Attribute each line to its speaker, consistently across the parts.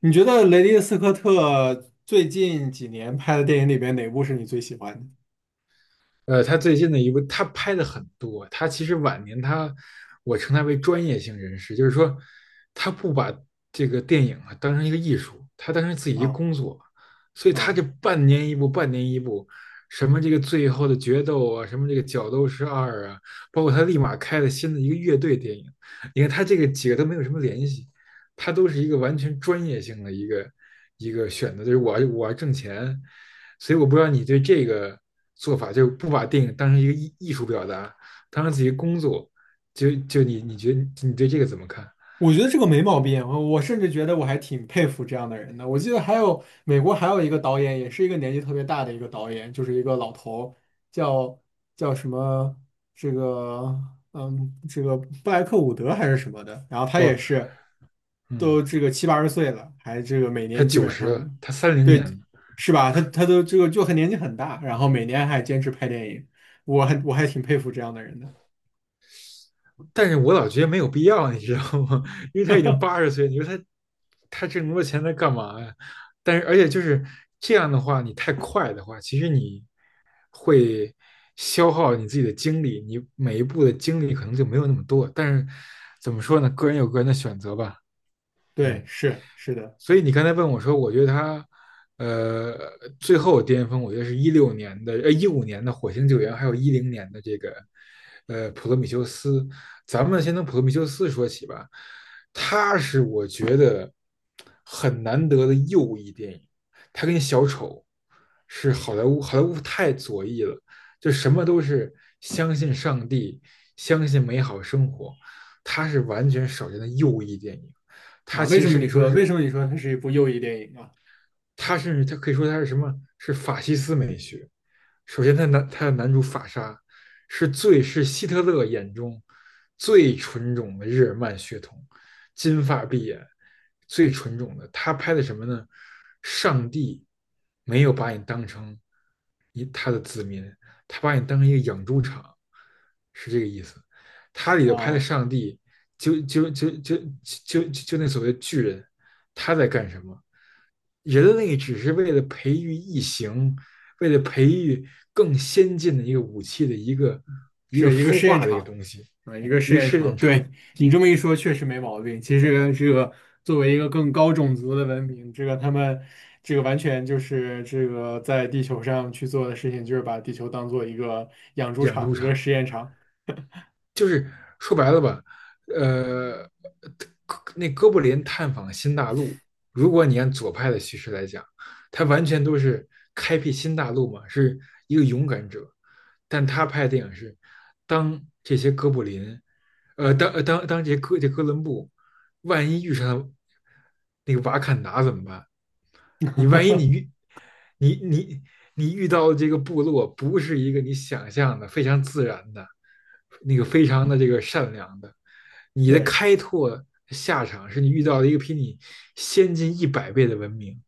Speaker 1: 你觉得雷迪斯科特最近几年拍的电影里边哪部是你最喜欢
Speaker 2: 他最近的一部，他拍的很多。他其实晚年我称他为专业性人士，就是说，他不把这个电影啊当成一个艺术，他当成自己
Speaker 1: 的？
Speaker 2: 一个
Speaker 1: 啊
Speaker 2: 工作。所以他这
Speaker 1: 啊，
Speaker 2: 半年一部，半年一部，什么这个最后的决斗啊，什么这个角斗士二啊，包括他立马开了新的一个乐队电影。你看他这个几个都没有什么联系，他都是一个完全专业性的一个选择，就是我要挣钱，所以我不知道你对这个做法，就不把电影当成一个艺术表达，当成自己工作，就你觉得你对这个怎么看？
Speaker 1: 我觉得这个没毛病，我甚至觉得我还挺佩服这样的人的。我记得还有美国还有一个导演，也是一个年纪特别大的一个导演，就是一个老头，叫叫什么这个嗯这个布莱克伍德还是什么的。然后他也
Speaker 2: 哦，
Speaker 1: 是
Speaker 2: 嗯，
Speaker 1: 都这个七八十岁了，还这个每
Speaker 2: 他
Speaker 1: 年基
Speaker 2: 九
Speaker 1: 本
Speaker 2: 十
Speaker 1: 上
Speaker 2: 了，他三零
Speaker 1: 对。
Speaker 2: 年的，
Speaker 1: 是吧？他都这个就很年纪很大，然后每年还坚持拍电影，我还挺佩服这样的人的。
Speaker 2: 但是我老觉得没有必要，你知道吗？因为他已经80岁，你说他挣那么多钱他干嘛呀？但是而且就是这样的话，你太快的话，其实你消耗你自己的精力，你每一步的精力可能就没有那么多。但是怎么说呢？个人有个人的选择吧，
Speaker 1: 对，
Speaker 2: 嗯。
Speaker 1: 是是的。
Speaker 2: 所以你刚才问我说，我觉得他，呃，最后巅峰，我觉得是16年的，15年的火星救援，还有10年的这个，普罗米修斯。咱们先从普罗米修斯说起吧，他是我觉得很难得的右翼电影，他跟小丑是好莱坞，好莱坞太左翼了，就什么都是相信上帝，相信美好生活，他是完全少见的右翼电影。他
Speaker 1: 啊，
Speaker 2: 其实甚至说
Speaker 1: 为什
Speaker 2: 是
Speaker 1: 么你说它是一部右翼电影啊？
Speaker 2: 他甚至他可以说他是什么？是法西斯美学。首先他的男主法沙是最是希特勒眼中最纯种的日耳曼血统，金发碧眼，最纯种的。他拍的什么呢？上帝没有把你当成他把你当成一个养猪场，是这个意思。他里头拍的
Speaker 1: 啊，
Speaker 2: 上帝，就就就就就那所谓巨人，他在干什么？人类只是为了培育异形，为了培育更先进的一个武器的一个
Speaker 1: 是一个
Speaker 2: 孵
Speaker 1: 试验
Speaker 2: 化的一个
Speaker 1: 场
Speaker 2: 东西，
Speaker 1: 啊，一个
Speaker 2: 一
Speaker 1: 试
Speaker 2: 个
Speaker 1: 验
Speaker 2: 试
Speaker 1: 场。
Speaker 2: 验场、
Speaker 1: 对，你这么一说，确实没毛病。其实这个作为一个更高种族的文明，这个他们这个完全就是这个在地球上去做的事情，就是把地球当做一个养猪
Speaker 2: 养
Speaker 1: 场、
Speaker 2: 猪
Speaker 1: 一个
Speaker 2: 场。
Speaker 1: 试验场。
Speaker 2: 就是说白了吧，呃，那哥布林探访新大陆，如果你按左派的叙事来讲，他完全都是开辟新大陆嘛，是一个勇敢者。但他拍的电影是，当这些哥布林，当这哥伦布万一遇上那个瓦坎达怎么办？你万一你遇你你你遇到的这个部落不是一个你想象的非常自然的，那个非常的这个善良的，你的
Speaker 1: 对。
Speaker 2: 开拓下场是你遇到了一个比你先进100倍的文明，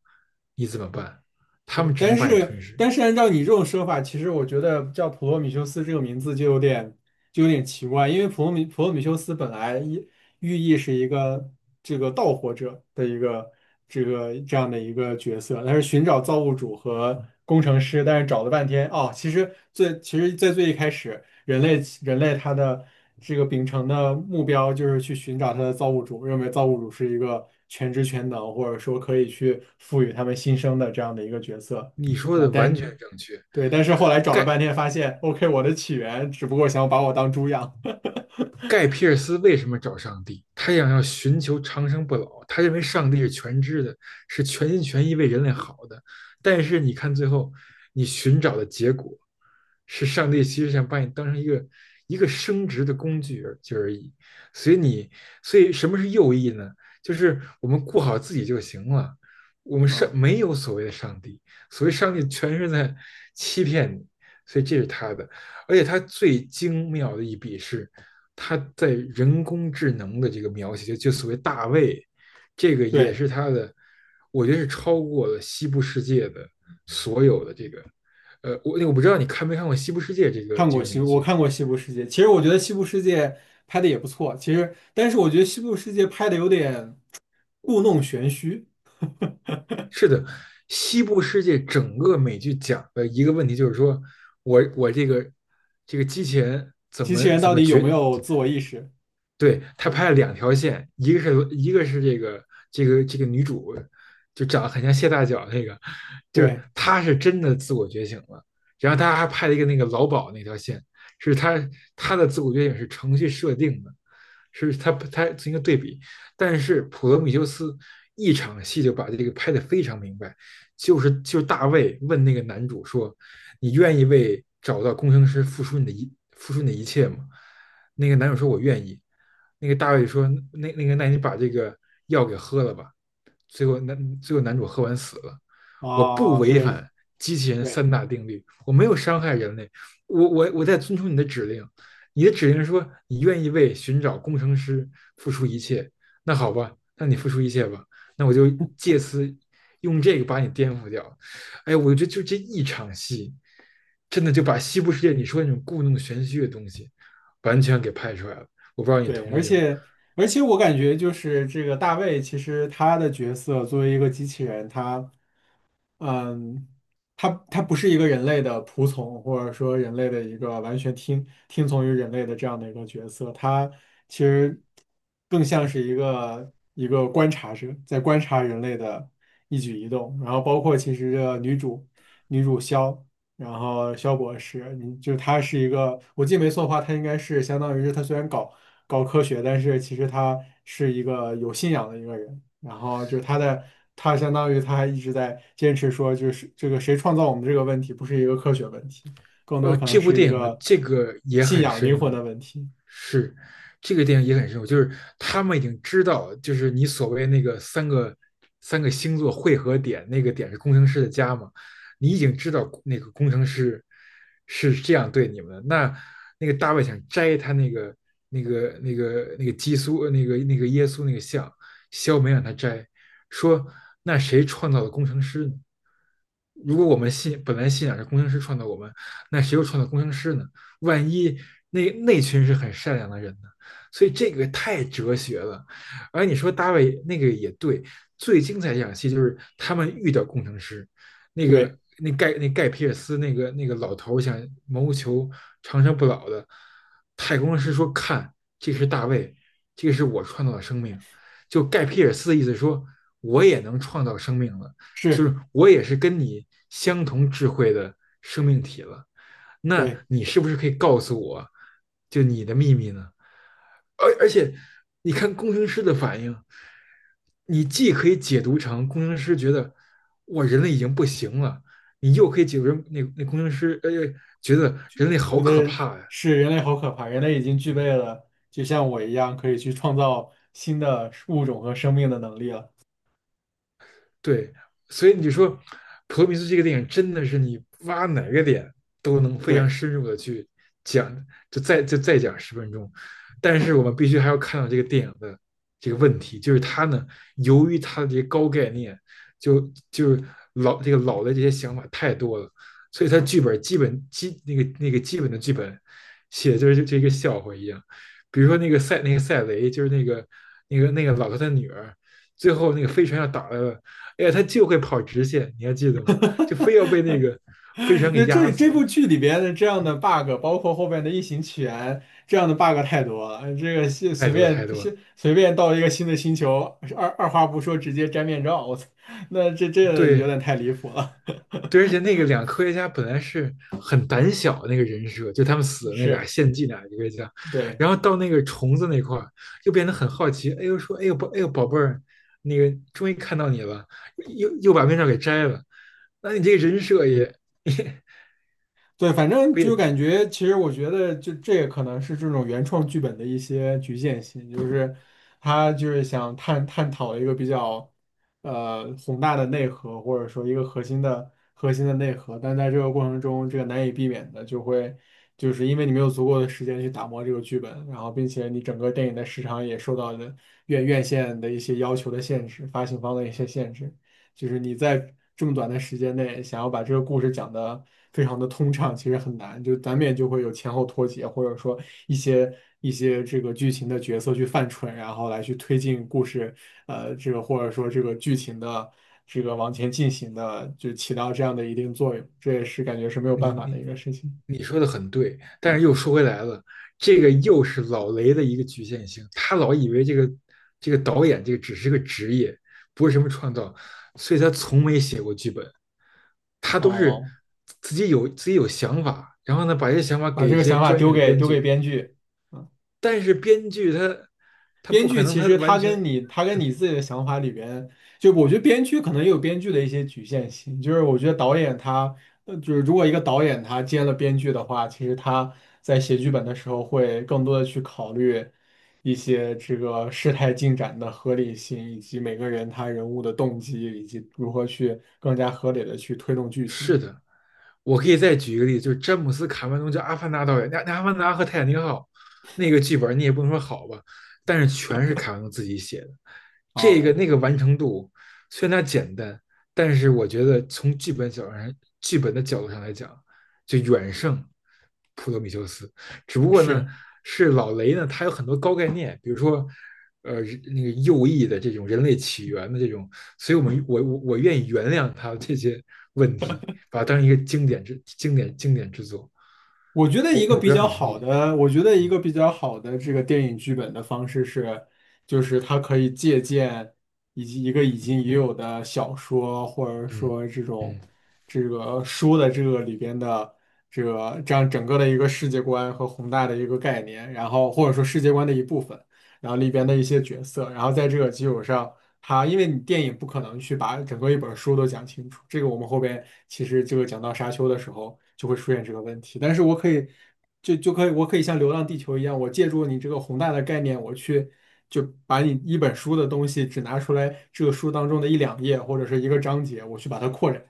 Speaker 2: 你怎么办？他
Speaker 1: 对，
Speaker 2: 们只
Speaker 1: 但
Speaker 2: 能把你
Speaker 1: 是
Speaker 2: 吞噬。
Speaker 1: 但是按照你这种说法，其实我觉得叫普罗米修斯这个名字就有点奇怪，因为普罗米修斯本来意寓意是一个这个盗火者的一个这样的一个角色，他是寻找造物主和工程师，但是找了半天哦，其实最其实在最一开始。人类他的这个秉承的目标就是去寻找他的造物主，认为造物主是一个全知全能，或者说可以去赋予他们新生的这样的一个角色
Speaker 2: 你说
Speaker 1: 啊。
Speaker 2: 的完全
Speaker 1: 但
Speaker 2: 正确，
Speaker 1: 对，但是后来找了半
Speaker 2: 盖。
Speaker 1: 天，发现 OK，我的起源只不过想把我当猪养
Speaker 2: 盖皮尔斯为什么找上帝？他想要寻求长生不老，他认为上帝是全知的，是全心全意为人类好的。但是你看，最后你寻找的结果是，上帝其实想把你当成一个生殖的工具而已。所以你，所以什么是右翼呢？就是我们顾好自己就行了。我们上
Speaker 1: 啊。
Speaker 2: 没有所谓的上帝，所谓上帝全是在欺骗你。所以这是他的。而且它最精妙的一笔是，它在人工智能的这个描写，就所谓大卫，这个也
Speaker 1: 对，
Speaker 2: 是它的，我觉得是超过了西部世界的所有的这个，我不知道你看没看过西部世界这个
Speaker 1: 看
Speaker 2: 这
Speaker 1: 过
Speaker 2: 个
Speaker 1: 西
Speaker 2: 美
Speaker 1: 部，我
Speaker 2: 剧？
Speaker 1: 看过《西部世界》，其实我觉得《西部世界》拍的也不错，其实但是我觉得《西部世界》拍的有点故弄玄虚，
Speaker 2: 是的，西部世界整个美剧讲的一个问题就是说，我这个机器人怎
Speaker 1: 机器
Speaker 2: 么
Speaker 1: 人
Speaker 2: 怎
Speaker 1: 到
Speaker 2: 么
Speaker 1: 底有没
Speaker 2: 决
Speaker 1: 有自我意识？
Speaker 2: 对，他
Speaker 1: 嗯，
Speaker 2: 拍了两条线，一个是这个女主，就长得很像谢大脚那个，就是
Speaker 1: 对。
Speaker 2: 她是真的自我觉醒了。然后他还拍了一个那个劳保那条线，是他他的自我觉醒是程序设定的，他进行一个对比。但是普罗米修斯一场戏就把这个拍得非常明白，就是大卫问那个男主说：你愿意为找到工程师付出你的一切吗？"那个男主说："我愿意。"那个大卫说："那你把这个药给喝了吧。"最后男主喝完死了。我不
Speaker 1: 啊，
Speaker 2: 违
Speaker 1: 对，
Speaker 2: 反机器人
Speaker 1: 对
Speaker 2: 三大定律，我没有伤害人类，我在遵从你的指令。你的指令说你愿意为寻找工程师付出一切，那好吧，那你付出一切吧，那我就借此用这个把你颠覆掉。哎，我觉得就这一场戏，真的就把西部世界你说那种故弄玄虚的东西，完全给拍出来了。我不知道你
Speaker 1: 对，
Speaker 2: 同
Speaker 1: 而
Speaker 2: 意吗？
Speaker 1: 且我感觉就是这个大卫，其实他的角色作为一个机器人，他，嗯，它不是一个人类的仆从，或者说人类的一个完全听从于人类的这样的一个角色，它其实更像是一个观察者，在观察人类的一举一动，然后包括其实这个女主萧，然后萧博士，你就她是一个，我记得没错的话，她应该是相当于是她虽然搞科学，但是其实她是一个有信仰的一个人。然后就是他的，他相当于他还一直在坚持说，就是这个谁创造我们这个问题，不是一个科学问题，更多可能
Speaker 2: 这部
Speaker 1: 是一
Speaker 2: 电影
Speaker 1: 个
Speaker 2: 这个也
Speaker 1: 信
Speaker 2: 很
Speaker 1: 仰
Speaker 2: 深
Speaker 1: 灵魂的
Speaker 2: 入，
Speaker 1: 问题。
Speaker 2: 是，这个电影也很深入，就是他们已经知道，就是你所谓那个三个星座汇合点，那个点是工程师的家嘛，你已经知道那个工程师是这样对你们的。那个大卫想摘他那个基督那个耶稣那个像，肖梅让他摘，说那谁创造了工程师呢？如果我们信本来信仰是工程师创造我们，那谁又创造工程师呢？万一那群是很善良的人呢？所以这个太哲学了。而你说大卫那个也对，最精彩一场戏就是他们遇到工程师，那个
Speaker 1: 对，
Speaker 2: 那盖那盖皮尔斯那个老头想谋求长生不老的，太空师说："看，这是大卫，这个是我创造的生命。"就盖皮尔斯的意思说，我也能创造生命了，就
Speaker 1: 是，
Speaker 2: 是我也是跟你相同智慧的生命体了。
Speaker 1: 对，
Speaker 2: 那你是不是可以告诉我，就你的秘密呢？而且，你看工程师的反应，你既可以解读成工程师觉得哇人类已经不行了，你又可以解读成那工程师觉得人类好
Speaker 1: 觉
Speaker 2: 可
Speaker 1: 得
Speaker 2: 怕呀、
Speaker 1: 是人类好可怕，人类已经具备了，就像我一样，可以去创造新的物种和生命的能力了。
Speaker 2: 对，所以你就说《普罗米修斯》这个电影真的是你挖哪个点都能非常
Speaker 1: 对。
Speaker 2: 深入的去讲，就再讲10分钟。但是我们必须还要看到这个电影的这个问题，就是它呢，由于它的这些高概念，就就是老的这些想法太多了，所以它剧本基本基那个那个基本的剧本写的就是这个笑话一样。比如说那个赛雷，就是那个老头的女儿，最后那个飞船要打了。哎呀，他就会跑直线，你还记得吗？就非要被那个 飞船给
Speaker 1: 那
Speaker 2: 压
Speaker 1: 这这
Speaker 2: 死，
Speaker 1: 部剧里边的这样的 bug，包括后面的异形起源这样的 bug 太多了。这个是
Speaker 2: 太
Speaker 1: 随
Speaker 2: 多
Speaker 1: 便
Speaker 2: 太多
Speaker 1: 随便到一个新的星球，二话不说直接摘面罩，我操，那这这有
Speaker 2: 对
Speaker 1: 点太离谱了。
Speaker 2: 对，而且那个两个科学家本来是很胆小那个人设，就他们 死的那俩
Speaker 1: 是，
Speaker 2: 献祭那俩科学家，
Speaker 1: 对。
Speaker 2: 然后到那个虫子那块儿又变得很好奇，哎呦说，哎呦宝，哎呦宝贝儿，那个终于看到你了，又把面罩给摘了，那你这个人设也
Speaker 1: 对，反正
Speaker 2: 不
Speaker 1: 就感
Speaker 2: 也，
Speaker 1: 觉，其实我觉得就这也可能是这种原创剧本的一些局限性，就是他就是想探讨一个比较宏大的内核，或者说一个核心的内核，但在这个过程中，这个难以避免的就会就是因为你没有足够的时间去打磨这个剧本，然后并且你整个电影的时长也受到了院线的一些要求的限制，发行方的一些限制。就是你在这么短的时间内想要把这个故事讲得非常的通畅，其实很难，就难免就会有前后脱节，或者说一些一些这个剧情的角色去犯蠢，然后来去推进故事，这个或者说这个剧情的这个往前进行的，就起到这样的一定作用，这也是感觉是没有办
Speaker 2: 你
Speaker 1: 法的
Speaker 2: 你
Speaker 1: 一个事情。
Speaker 2: 你说的很对，但是又说回来了，这个又是老雷的一个局限性，他老以为这个这个导演这个只是个职业，不是什么创造，所以他从没写过剧本，他都是
Speaker 1: 哦，
Speaker 2: 自己有自己有想法，然后呢把这些想法
Speaker 1: 把
Speaker 2: 给
Speaker 1: 这
Speaker 2: 一
Speaker 1: 个
Speaker 2: 些
Speaker 1: 想法
Speaker 2: 专业的编
Speaker 1: 丢给
Speaker 2: 剧，
Speaker 1: 编剧。嗯，
Speaker 2: 但是编剧他
Speaker 1: 编
Speaker 2: 不可
Speaker 1: 剧
Speaker 2: 能
Speaker 1: 其
Speaker 2: 他
Speaker 1: 实
Speaker 2: 完全。
Speaker 1: 他跟你自己的想法里边，就我觉得编剧可能也有编剧的一些局限性，就是我觉得导演他，呃，就是如果一个导演他接了编剧的话，其实他在写剧本的时候会更多的去考虑一些这个事态进展的合理性，以及每个人他人物的动机，以及如何去更加合理的去推动剧
Speaker 2: 是
Speaker 1: 情。
Speaker 2: 的，我可以再举一个例子，就是詹姆斯·卡梅隆，叫《阿凡达》导演，那《阿凡达》和《泰坦尼克号》那个剧本，你也不能说好吧，但是全是卡梅隆自己写的，这个
Speaker 1: 哦，
Speaker 2: 那个完成度虽然它简单，但是我觉得从剧本角度上，剧本的角度上来讲，就远胜普罗米修斯。只不过呢，
Speaker 1: 是。
Speaker 2: 是老雷呢，他有很多高概念，比如说，呃，那个右翼的这种人类起源的这种所以我们我愿意原谅他这些问题，把它当成一个经典之作。我我不要你同意，
Speaker 1: 我觉得一
Speaker 2: 嗯
Speaker 1: 个比较好的这个电影剧本的方式是，就是它可以借鉴以及一个已经已有的小说，或者
Speaker 2: 嗯
Speaker 1: 说这
Speaker 2: 嗯，
Speaker 1: 种这个书的这个里边的这个这样整个的一个世界观和宏大的一个概念，然后或者说世界观的一部分。然后里边的一些角色，然后在这个基础上，它因为你电影不可能去把整个一本书都讲清楚，这个我们后边其实这个讲到沙丘的时候就会出现这个问题，但是我可以我可以像《流浪地球》一样，我借助你这个宏大的概念，我去。就把你一本书的东西只拿出来，这个书当中的一两页或者是一个章节，我去把它扩展。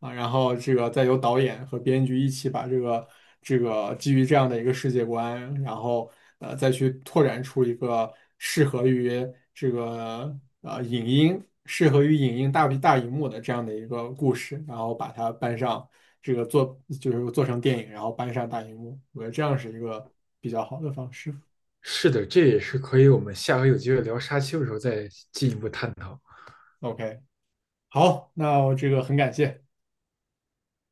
Speaker 1: 啊，然后这个再由导演和编剧一起把这个这个基于这样的一个世界观，然后呃再去拓展出一个适合于这个影音、适合于影音大荧幕的这样的一个故事，然后把它搬上这个做就是做成电影，然后搬上大荧幕，我觉得这样是一个比较好的方式。
Speaker 2: 是的，这也是可以我们下回有机会聊沙丘的时候再进一步探讨。
Speaker 1: OK,好，那我这个很感谢。